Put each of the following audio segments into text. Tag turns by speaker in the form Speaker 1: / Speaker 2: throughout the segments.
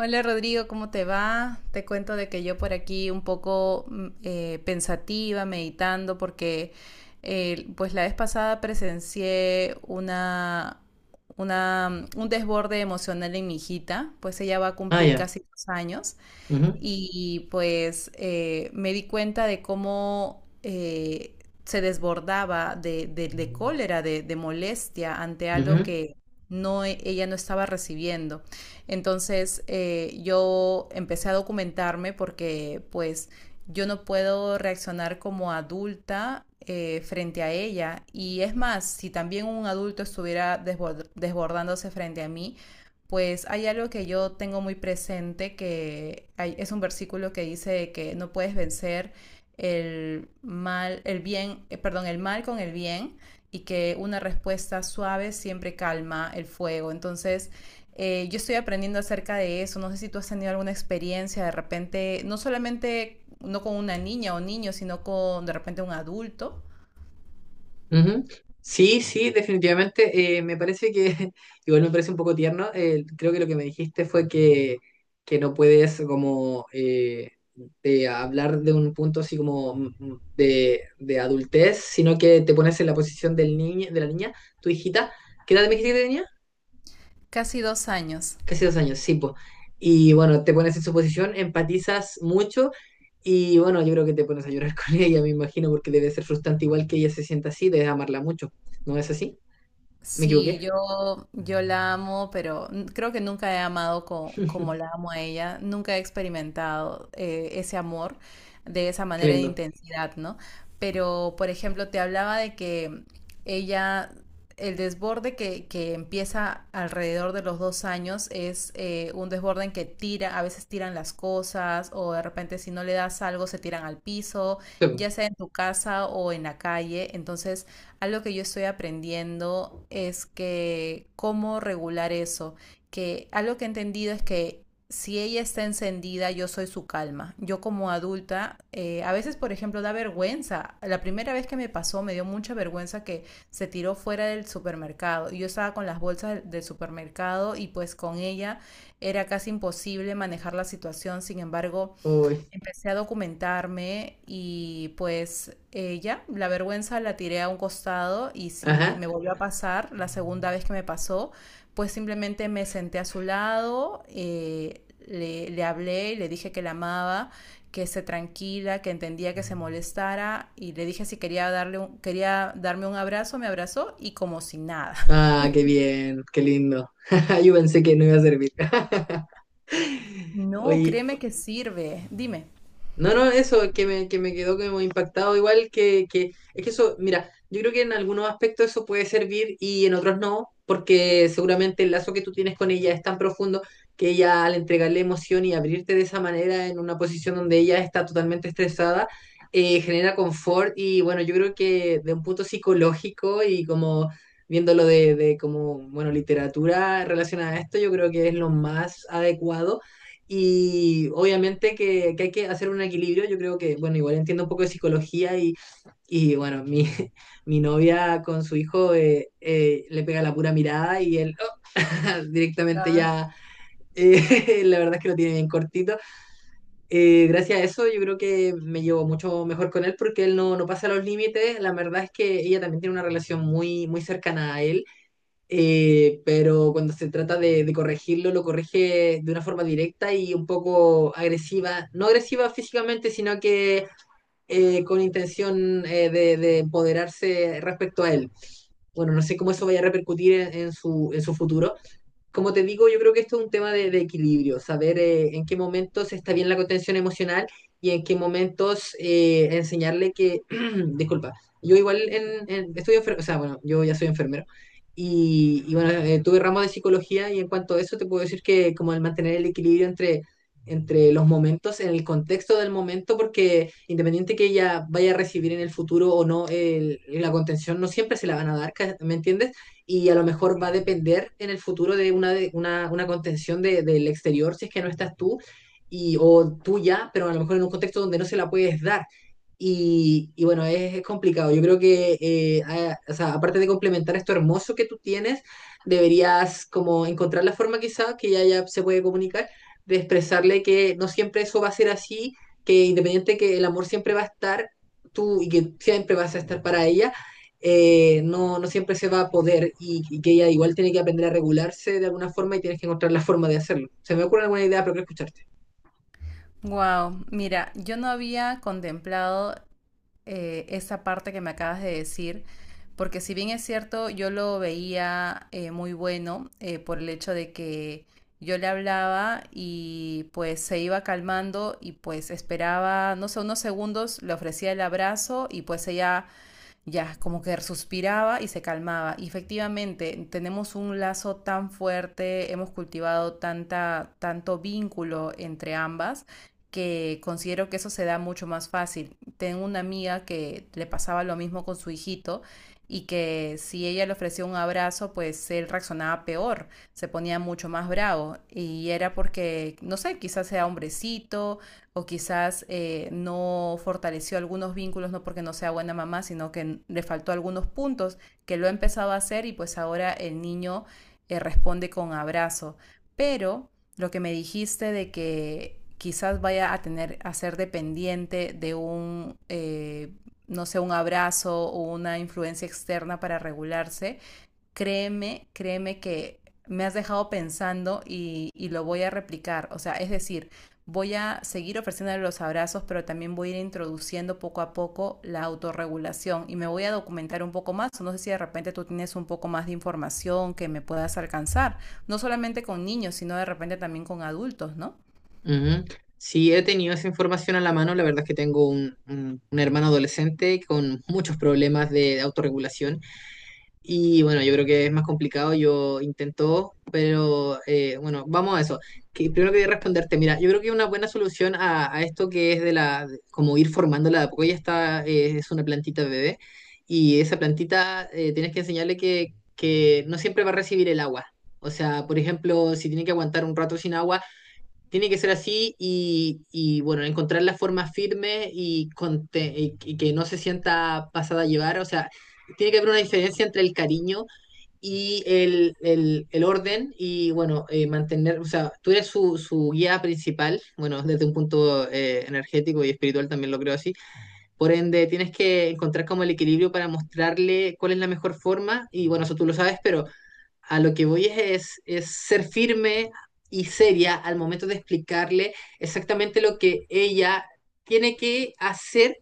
Speaker 1: Hola Rodrigo, ¿cómo te va? Te cuento de que yo por aquí un poco pensativa, meditando, porque pues la vez pasada presencié un desborde emocional en mi hijita, pues ella va a
Speaker 2: Ah,
Speaker 1: cumplir
Speaker 2: ya.
Speaker 1: casi 2 años
Speaker 2: Ujú.
Speaker 1: y pues me di cuenta de cómo se desbordaba de cólera, de molestia ante algo
Speaker 2: Ujú,
Speaker 1: que ella no estaba recibiendo. Entonces yo empecé a documentarme porque pues yo no puedo reaccionar como adulta frente a ella. Y es más, si también un adulto estuviera desbordándose frente a mí, pues hay algo que yo tengo muy presente, que es un versículo que dice que no puedes vencer el mal, el bien, perdón, el mal con el bien y que una respuesta suave siempre calma el fuego. Entonces, yo estoy aprendiendo acerca de eso. No sé si tú has tenido alguna experiencia de repente, no solamente no con una niña o niño, sino con de repente un adulto.
Speaker 2: ujú. Sí, sí, definitivamente. Me parece que, igual me parece un poco tierno. Creo que lo que me dijiste fue que no puedes como de hablar de un punto así como de adultez, sino que te pones en la posición del niño, de la niña, tu hijita. ¿Qué edad me dijiste que tenía?
Speaker 1: Casi 2 años.
Speaker 2: Casi dos años, sí, pues. Y bueno, te pones en su posición, empatizas mucho y bueno, yo creo que te pones a llorar con ella, me imagino, porque debe ser frustrante igual que ella se sienta así, debes amarla mucho. ¿No es así? ¿Me
Speaker 1: Sí,
Speaker 2: equivoqué?
Speaker 1: yo la amo, pero creo que nunca he amado como la amo a ella, nunca he experimentado ese amor de esa
Speaker 2: Qué
Speaker 1: manera de
Speaker 2: lindo.
Speaker 1: intensidad, ¿no? Pero, por ejemplo, te hablaba de que ella, el desborde que empieza alrededor de los 2 años es un desborde en que tira, a veces tiran las cosas o de repente si no le das algo se tiran al piso,
Speaker 2: Sí
Speaker 1: ya
Speaker 2: po.
Speaker 1: sea en tu casa o en la calle, entonces algo que yo estoy aprendiendo es que cómo regular eso, que algo que he entendido es que si ella está encendida, yo soy su calma. Yo como adulta, a veces, por ejemplo, da vergüenza. La primera vez que me pasó, me dio mucha vergüenza que se tiró fuera del supermercado. Yo estaba con las bolsas del supermercado y pues con ella era casi imposible manejar la situación. Sin embargo,
Speaker 2: Uy,
Speaker 1: empecé a documentarme y pues ya, la vergüenza la tiré a un costado y si
Speaker 2: ajá.
Speaker 1: me volvió a pasar, la segunda vez que me pasó, pues simplemente me senté a su lado, le hablé y le dije que la amaba, que se tranquila, que entendía que se molestara y le dije si quería quería darme un abrazo, me abrazó y como si nada.
Speaker 2: Ah, qué bien, qué lindo. Yo pensé que no iba a servir.
Speaker 1: No,
Speaker 2: Oye,
Speaker 1: créeme que sirve. Dime.
Speaker 2: no, no, eso que me quedó como impactado, igual que, es que eso, mira, yo creo que en algunos aspectos eso puede servir y en otros no, porque seguramente el lazo que tú tienes con ella es tan profundo que ella al entregarle emoción y abrirte de esa manera en una posición donde ella está totalmente estresada, genera confort y bueno, yo creo que de un punto psicológico y como viéndolo de, bueno, literatura relacionada a esto, yo creo que es lo más adecuado y obviamente que hay que hacer un equilibrio. Yo creo que, bueno, igual entiendo un poco de psicología y bueno, mi, mi novia con su hijo le pega la pura mirada y él directamente
Speaker 1: Ah,
Speaker 2: ya, la verdad es que lo tiene bien cortito. Gracias a eso yo creo que me llevo mucho mejor con él porque él no, no pasa los límites. La verdad es que ella también tiene una relación muy, muy cercana a él pero cuando se trata de corregirlo, lo corrige de una forma directa y un poco agresiva, no agresiva físicamente, sino que con intención de empoderarse respecto a él. Bueno, no sé cómo eso vaya a repercutir en su futuro, como te digo, yo creo que esto es un tema de equilibrio, saber en qué momentos está bien la contención emocional y en qué momentos enseñarle que, disculpa, yo igual o sea, bueno, yo ya soy enfermero y bueno, tuve ramos de psicología y en cuanto a eso te puedo decir que como el mantener el equilibrio entre los momentos, en el contexto del momento, porque independiente que ella vaya a recibir en el futuro o no, la contención no siempre se la van a dar, ¿me entiendes? Y a lo mejor va a depender en el futuro de una contención del exterior si es que no estás tú y, o tuya, pero a lo mejor en un contexto donde no se la puedes dar. Y bueno, es complicado. Yo creo que, o sea, aparte de complementar esto hermoso que tú tienes, deberías como encontrar la forma quizá que ya, ya se puede comunicar, de expresarle que no siempre eso va a ser así, que independiente que el amor siempre va a estar tú y que siempre vas a estar para ella no, no siempre se va a poder y que ella igual tiene que aprender a regularse de alguna forma y tienes que encontrar la forma de hacerlo. Se me ocurre alguna idea, pero quiero escucharte.
Speaker 1: wow, mira, yo no había contemplado esa parte que me acabas de decir, porque si bien es cierto, yo lo veía muy bueno por el hecho de que yo le hablaba y pues se iba calmando y pues esperaba, no sé, unos segundos, le ofrecía el abrazo y pues ella ya como que suspiraba y se calmaba. Y efectivamente, tenemos un lazo tan fuerte, hemos cultivado tanto vínculo entre ambas que considero que eso se da mucho más fácil. Tengo una amiga que le pasaba lo mismo con su hijito y que si ella le ofrecía un abrazo, pues él reaccionaba peor, se ponía mucho más bravo y era porque, no sé, quizás sea hombrecito o quizás no fortaleció algunos vínculos, no porque no sea buena mamá, sino que le faltó algunos puntos, que lo ha empezado a hacer y pues ahora el niño responde con abrazo. Pero lo que me dijiste de que quizás vaya a tener a ser dependiente de un no sé un abrazo o una influencia externa para regularse créeme que me has dejado pensando y lo voy a replicar. O sea, es decir, voy a seguir ofreciéndole los abrazos, pero también voy a ir introduciendo poco a poco la autorregulación y me voy a documentar un poco más. No sé si de repente tú tienes un poco más de información que me puedas alcanzar, no solamente con niños, sino de repente también con adultos, ¿no?
Speaker 2: Ujú. Sí, he tenido esa información a la mano. La verdad es que tengo un, un hermano adolescente con muchos problemas de autorregulación. Y bueno, yo creo que es más complicado, yo intento, pero bueno, vamos a eso. Que primero quería responderte, mira, yo creo que una buena solución a esto que es como ir formándola de a poco, ella está, es una plantita bebé, y esa plantita tienes que enseñarle que no siempre va a recibir el agua. O sea, por ejemplo, si tiene que aguantar un rato sin agua, tiene que ser así bueno, encontrar la forma firme y que no se sienta pasada a llevar. O sea, tiene que haber una diferencia entre el cariño y el orden y bueno, mantener, o sea, tú eres su, su guía principal, bueno, desde un punto energético y espiritual también lo creo así. Por ende, tienes que encontrar como el equilibrio para mostrarle cuál es la mejor forma y bueno, eso tú lo sabes, pero a lo que voy es ser firme y seria al momento de explicarle exactamente lo que ella tiene que hacer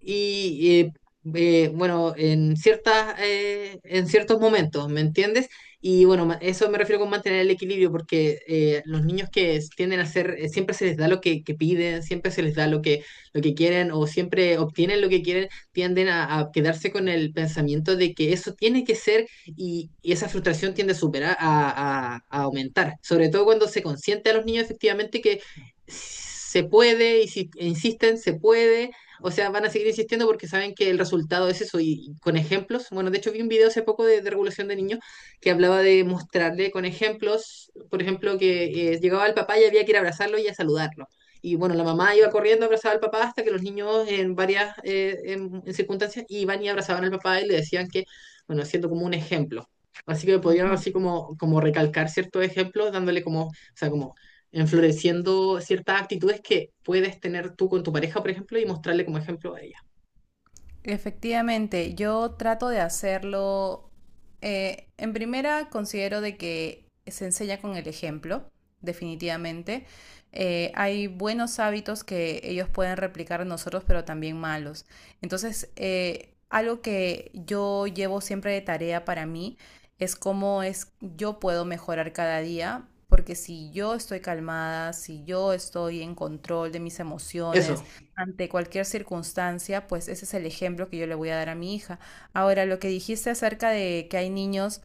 Speaker 2: y bueno, en ciertas, en ciertos momentos, ¿me entiendes? Y bueno, eso me refiero con mantener el equilibrio, porque los niños que tienden a ser, siempre se les da lo que piden, siempre se les da lo que quieren o siempre obtienen lo que quieren, tienden a quedarse con el pensamiento de que eso tiene que ser y esa frustración tiende a superar, a aumentar, sobre todo cuando se consiente a los niños efectivamente que se puede y si insisten, se puede, o sea, van a seguir insistiendo porque saben que el resultado es eso. Y con ejemplos, bueno, de hecho vi un video hace poco de regulación de niños que hablaba de mostrarle con ejemplos, por ejemplo, que llegaba el papá y había que ir a abrazarlo y a saludarlo. Y bueno, la mamá iba corriendo a abrazar al papá hasta que los niños en varias en circunstancias iban y abrazaban al papá y le decían que, bueno, haciendo como un ejemplo. Así que podían
Speaker 1: Ujú.
Speaker 2: así como, como recalcar ciertos ejemplos, dándole como, o sea, como enfloreciendo ciertas actitudes que puedes tener tú con tu pareja, por ejemplo, y mostrarle como ejemplo a ella.
Speaker 1: Efectivamente, yo trato de hacerlo. En primera, considero de que se enseña con el ejemplo, definitivamente. Hay buenos hábitos que ellos pueden replicar en nosotros, pero también malos. Entonces, algo que yo llevo siempre de tarea para mí es cómo es yo puedo mejorar cada día, porque si yo estoy calmada, si yo estoy en control de mis
Speaker 2: Eso,
Speaker 1: emociones, ante cualquier circunstancia, pues ese es el ejemplo que yo le voy a dar a mi hija. Ahora, lo que dijiste acerca de que hay niños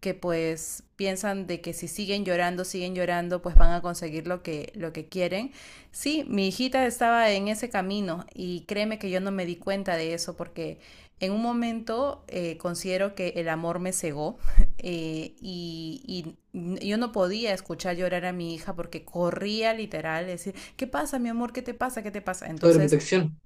Speaker 1: que pues piensan de que si siguen llorando, siguen llorando, pues van a conseguir lo que, quieren. Sí, mi hijita estaba en ese camino y créeme que yo no me di cuenta de eso porque en un momento considero que el amor me cegó y yo no podía escuchar llorar a mi hija porque corría literal, es ¿qué pasa, mi amor? ¿Qué te pasa? ¿Qué te pasa?
Speaker 2: sobre
Speaker 1: Entonces,
Speaker 2: protección.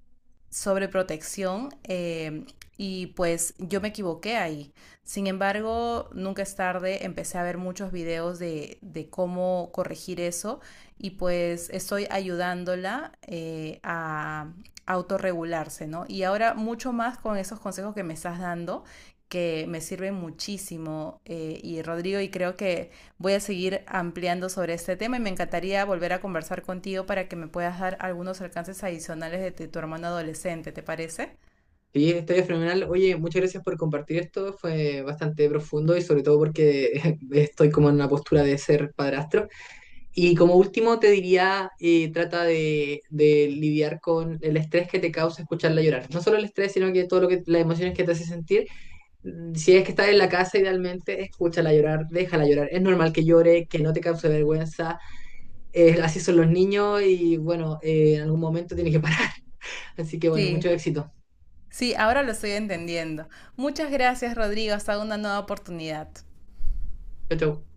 Speaker 1: sobreprotección y pues yo me equivoqué ahí. Sin embargo, nunca es tarde, empecé a ver muchos videos de cómo corregir eso y pues estoy ayudándola a autorregularse, ¿no? Y ahora mucho más con esos consejos que me estás dando que me sirven muchísimo y Rodrigo y creo que voy a seguir ampliando sobre este tema y me encantaría volver a conversar contigo para que me puedas dar algunos alcances adicionales de tu hermano adolescente, ¿te parece?
Speaker 2: Sí, está fenomenal. Oye, muchas gracias por compartir esto. Fue bastante profundo y sobre todo porque estoy como en una postura de ser padrastro. Y como último te diría, trata de lidiar con el estrés que te causa escucharla llorar. No solo el estrés, sino que todo lo que las emociones que te hace sentir. Si es que estás en la casa, idealmente escúchala llorar, déjala llorar. Es normal que llore, que no te cause vergüenza así son los niños y bueno, en algún momento tiene que parar. Así que bueno, mucho
Speaker 1: Sí,
Speaker 2: éxito.
Speaker 1: sí, ahora lo estoy entendiendo. Muchas gracias, Rodrigo. Hasta una nueva oportunidad.
Speaker 2: Chau, chau.